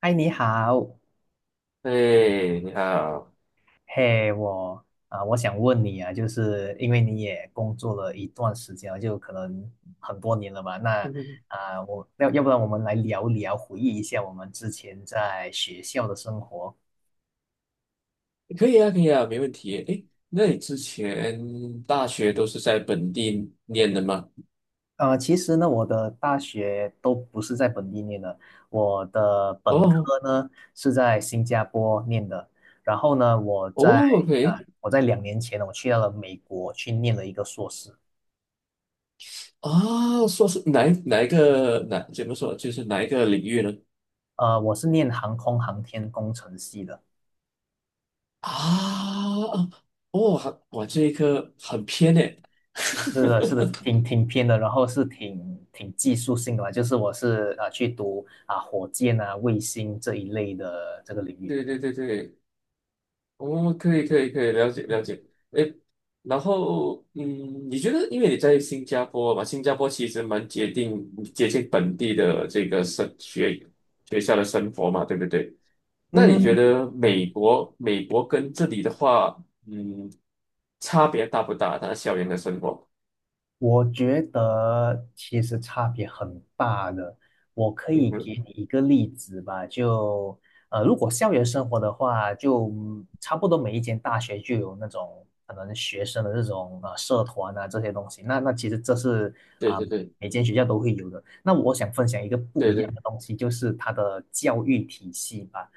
嗨，你好。哎，你好。嘿，我想问你啊，就是因为你也工作了一段时间了，就可能很多年了吧？那嗯，要不然我们来聊一聊，回忆一下我们之前在学校的生活。可以啊，可以啊，没问题。哎，那你之前大学都是在本地念的吗？其实呢，我的大学都不是在本地念的。我的本哦。科呢是在新加坡念的。然后呢，我在哦呃，，OK。我在2年前呢，我去到了美国去念了一个硕士。啊，说是哪一个怎么说，就是哪一个领域呢？我是念航空航天工程系的。啊，哦，还哇，这一科很偏诶。是 的，是的，挺偏的。然后是挺技术性的吧，就是我是啊、呃去读火箭啊、卫星这一类的这个领域。对对对对，哦，可以可以可以，了解了嗯解。诶，然后嗯，你觉得因为你在新加坡嘛，新加坡其实蛮接近本地的这个学校的生活嘛，对不对？那你嗯，觉得美嗯国美国跟这里的话，嗯，差别大不大？它校园的生活？我觉得其实差别很大的。我可嗯以给哼。你一个例子吧。就如果校园生活的话，就差不多每一间大学就有那种可能学生的这种社团啊这些东西。那其实这是对啊、对对每间学校都会有的。那我想分享一个不对一样对。的东西，就是它的教育体系吧。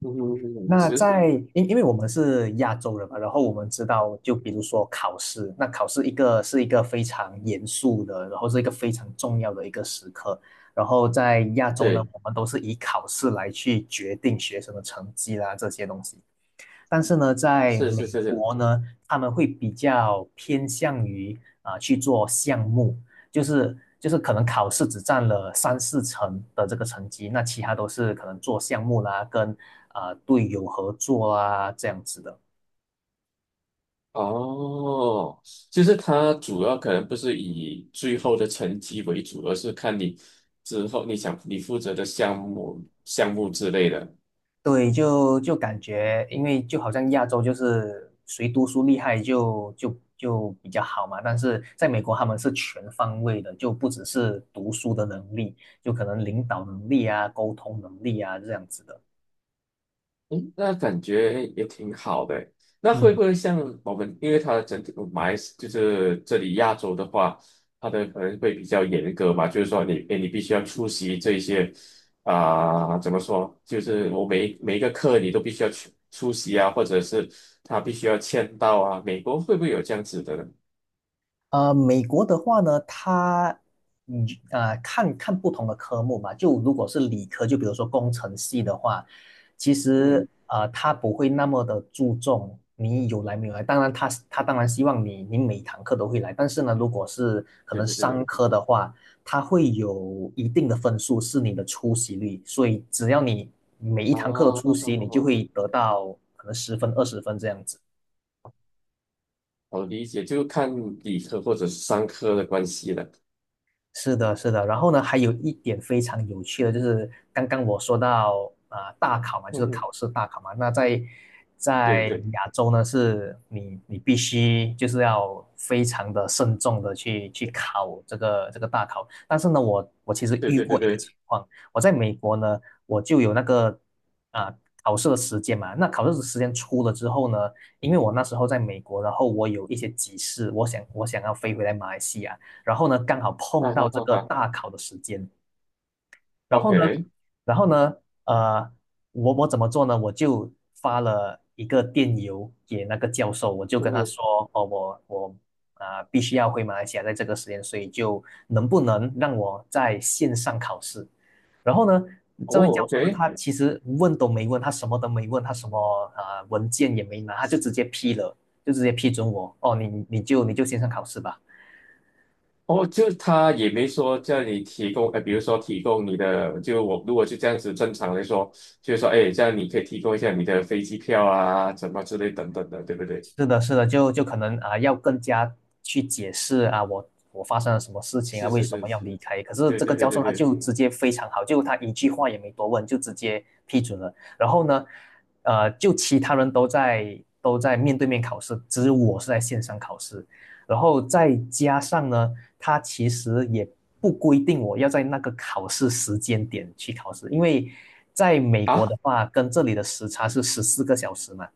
嗯哼，嗯哼，那是。在，因因为我们是亚洲人嘛，然后我们知道，就比如说考试，那考试是一个非常严肃的，然后是一个非常重要的一个时刻。然后在亚洲呢，对。我们都是以考试来去决定学生的成绩啦，这些东西。但是呢，在是是美是是。国呢，他们会比较偏向于去做项目，就是可能考试只占了3、4成的这个成绩，那其他都是可能做项目啦，跟队友合作啊这样子的。哦，就是它主要可能不是以最后的成绩为主，而是看你之后你想你负责的项目之类的。对，就感觉，因为就好像亚洲就是谁读书厉害就比较好嘛，但是在美国他们是全方位的，就不只是读书的能力，就可能领导能力啊、沟通能力啊这样子的。嗯，那感觉也挺好的欸。那会嗯，不会像我们，因为它的整体马来西就是这里亚洲的话，它的可能会比较严格嘛，就是说你，诶你必须要出席这一些，啊、怎么说？就是我每一个课你都必须要去出席啊，或者是他必须要签到啊。美国会不会有这样子的呢？美国的话呢，它看看不同的科目吧。就如果是理科，就比如说工程系的话，其嗯，实他不会那么的注重你有来没有来。当然他当然希望你每堂课都会来，但是呢，如果是可对能对对商对。科的话，它会有一定的分数是你的出席率，所以只要你每一啊，堂课都出好好席，好你就好，会得到可能10分20分这样子。我理解，就看理科或者是商科的关系了。是的，是的。然后呢，还有一点非常有趣的，就是刚刚我说到大考嘛，就嗯是哼。考试大考嘛。那在对在对亚洲呢，是你必须就是要非常的慎重的去考这个大考。但是呢，我其实对遇对过对一个对对。情况，我在美国呢，我就有那个啊、考试的时间嘛。那考试的时间出了之后呢，因为我那时候在美国，然后我有一些急事，我想要飞回来马来西亚。然后呢，刚好碰啊，到好这好个好。大考的时间。然后呢，OK。然后呢，呃，我我怎么做呢？我就发了一个电邮给那个教授，我就跟他嗯。说，哦，我必须要回马来西亚，在这个时间，所以就能不能让我在线上考试？然后呢，这位教哦授呢，，OK。他其实问都没问，他什么都没问，他什么文件也没拿，他就直接批了，就直接批准我，哦，你就线上考试吧。哦，就他也没说叫你提供，比如说提供你的，就我如果就这样子正常来说，就是说，哎，这样你可以提供一下你的飞机票啊，什么之类等等的，对不对？是的，是的，就可能要更加去解释啊，我发生了什么事情啊，是为是什是么要是。离开？可是对这个对对教对授他对。就直接非常好，就他一句话也没多问，就直接批准了。然后呢，就其他人都在面对面考试，只有我是在线上考试。然后再加上呢，他其实也不规定我要在那个考试时间点去考试，因为在美国的啊，话，跟这里的时差是14个小时嘛。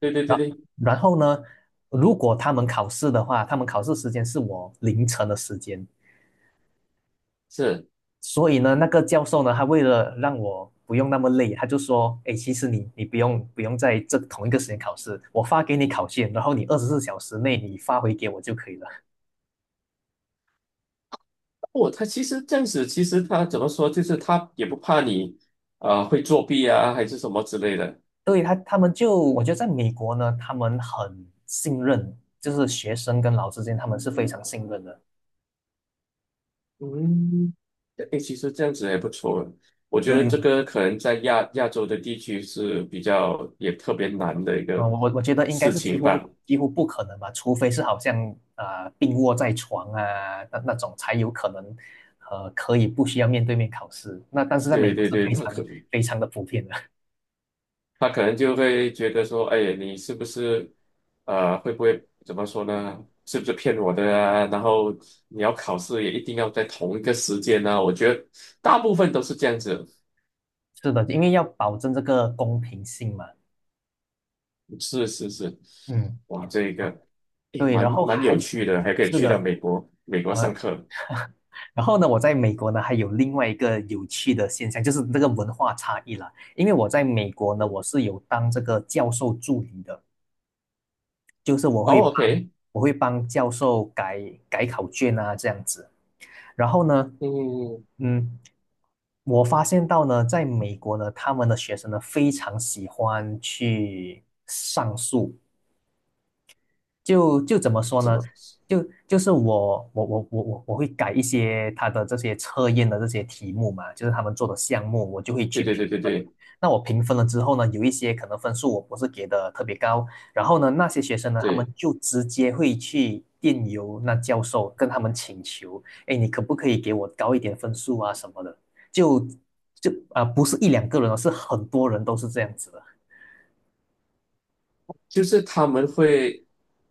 对对对然对。然后呢，如果他们考试的话，他们考试时间是我凌晨的时间，是。所以呢，那个教授呢，他为了让我不用那么累，他就说，哎，其实你不用在这同一个时间考试，我发给你考卷，然后你24小时内你发回给我就可以了。哦，他其实这样子，其实他怎么说，就是他也不怕你，会作弊啊，还是什么之类的。对，他们就我觉得在美国呢，他们很信任，就是学生跟老师之间他们是非常信任的。嗯，诶，其实这样子也不错。我觉得对，这个可能在亚洲的地区是比较也特别难的一个嗯，我觉得应该事是几情乎吧。几乎不可能吧，除非是好像病卧在床啊那种才有可能，可以不需要面对面考试。那但是在美对国是对对。非常非常的普遍的。他可能就会觉得说，哎，你是不是，会不会怎么说呢？是不是骗我的啊？然后你要考试也一定要在同一个时间呢，啊我觉得大部分都是这样子。是的，因为要保证这个公平性嘛。是是是。嗯。哇，这啊。个也对。然蛮后蛮还有趣的，还可以是去到的。美国上呃，课。然后呢，我在美国呢还有另外一个有趣的现象，就是这个文化差异啦。因为我在美国呢，我嗯。是有当这个教授助理的。就是我会哦帮，OK。我会帮教授改考卷啊这样子。然后呢，嗯。嗯，嗯，我发现到呢，在美国呢，他们的学生呢非常喜欢去上诉。就怎么说怎呢？么？就是我会改一些他的这些测验的这些题目嘛，就是他们做的项目，我就会对去对评对对分。对那我评分了之后呢，有一些可能分数我不是给的特别高，然后呢，那些学生呢，他们对。就直接会去电邮那教授，跟他们请求，哎，你可不可以给我高一点分数啊什么的？就就啊、不是一两个人哦，是很多人都是这样子的。就是他们会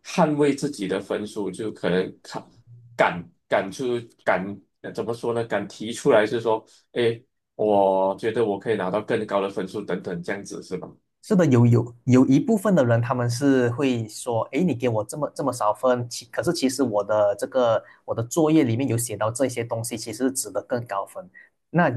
捍卫自己的分数，就可能敢敢敢出敢，怎么说呢？敢提出来是说，哎，我觉得我可以拿到更高的分数，等等，这样子是吧？是的，有一部分的人，他们是会说，诶，你给我这么这么少分，可是其实我的作业里面有写到这些东西，其实是值得更高分。那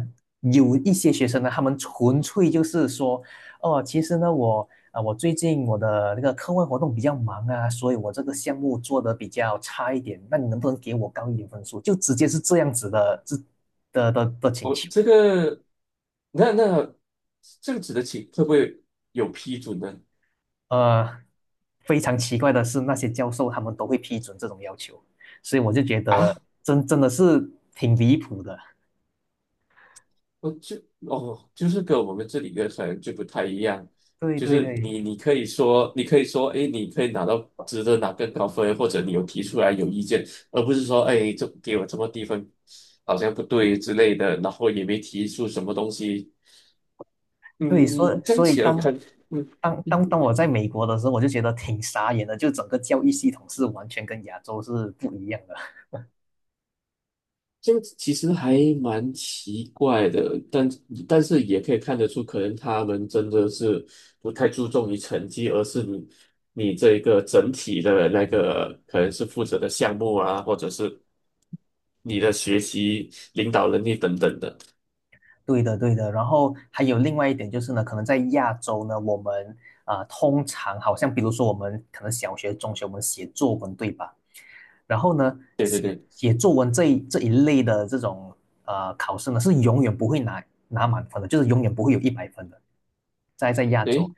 有一些学生呢，他们纯粹就是说，哦，其实呢，我最近我的那个课外活动比较忙啊，所以我这个项目做的比较差一点，那你能不能给我高一点分数？就直接是这样子的，这的请我求。这个，那那这样子的情会不会有批准呢？呃，非常奇怪的是，那些教授他们都会批准这种要求，所以我就觉得啊？真的是挺离谱的。我就哦，就是跟我们这里的可能就不太一样，对就对是对你你可以说，你可以说，哎，你可以拿到值得拿更高分，或者你有提出来有意见，而不是说，哎，这给我这么低分，好像不对之类的，然后也没提出什么东西。对，所以嗯，这样所以起来当看。嗯。当当当我在美国的时候，我就觉得挺傻眼的，就整个教育系统是完全跟亚洲是不一样的。这个其实还蛮奇怪的，但但是也可以看得出，可能他们真的是不太注重于成绩，而是你你这一个整体的那个可能是负责的项目啊，或者是你的学习、领导能力等等的。对的，对的。然后还有另外一点就是呢，可能在亚洲呢，我们通常好像比如说我们可能小学、中学我们写作文，对吧？然后呢，写作文这一类的这种考试呢，是永远不会拿满分的，就是永远不会有一百分的，在亚洲，诶，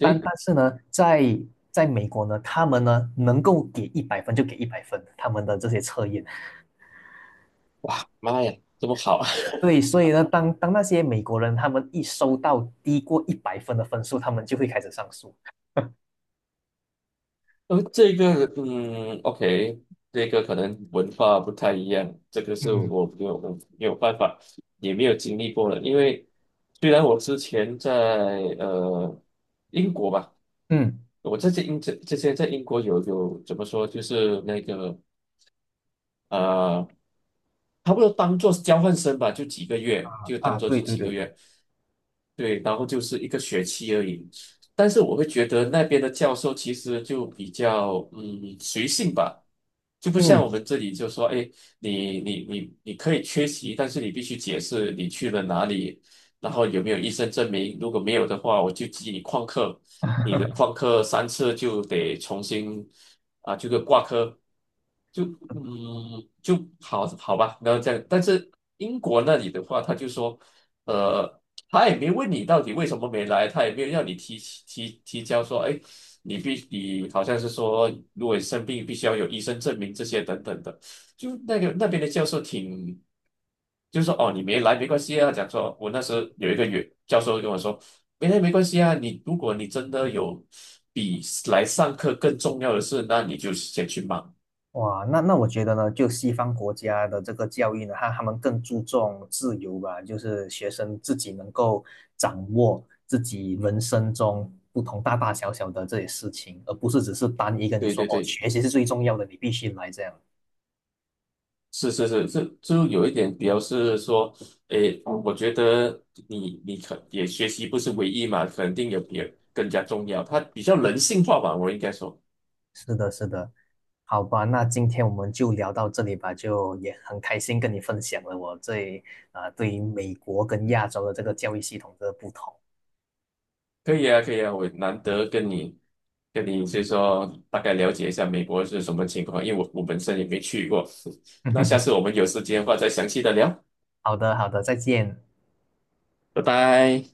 但但是呢，在美国呢，他们呢能够给一百分就给一百分，他们的这些测验。哇，妈呀，这么好！对，所以呢，当那些美国人他们一收到低过一百分的分数，他们就会开始上诉。这个，嗯，OK，这个可能文化不太一样，这个是嗯我没有没有办法，也没有经历过的。因为虽然我之前在，呃英国吧，嗯，我在这英这之前在英国有有怎么说，就是那个，呃差不多当做是交换生吧，就几个月，啊就啊，当做对就对几个对，月。对，然后就是一个学期而已。但是我会觉得那边的教授其实就比较嗯随性吧，就不像我嗯。们这里就说，哎，你可以缺席，但是你必须解释你去了哪里，然后有没有医生证明，如果没有的话，我就记你旷课。你的旷课三次就得重新，啊，这个挂科，就嗯就好好吧，然后这样。但是英国那里的话，他就说，呃，他也没问你到底为什么没来，他也没有让你提交说，哎，你好像是说，如果你生病必须要有医生证明这些等等的，就那个那边的教授挺。就说哦，你没来没关系啊。讲说，我那时候有一个原教授跟我说，没关系啊。你如果你真的有比来上课更重要的事，那你就先去忙。哇，那我觉得呢，就西方国家的这个教育呢，他们更注重自由吧，就是学生自己能够掌握自己人生中不同大大小小的这些事情，而不是只是单一跟你对说对哦，对，学习是最重要的，你必须来这样。是是是，这就有一点比较是说，诶，我觉得你你学习不是唯一嘛，肯定有别更加重要，它比较人性化吧，我应该说。是的，是的。好吧，那今天我们就聊到这里吧，就也很开心跟你分享了我这对于美国跟亚洲的这个教育系统的不同。可以啊，可以啊，我难得跟你就是说大概了解一下美国是什么情况，因为我我本身也没去过。那下次我们有时间的话再详细的聊。好的，好的，再见。拜拜。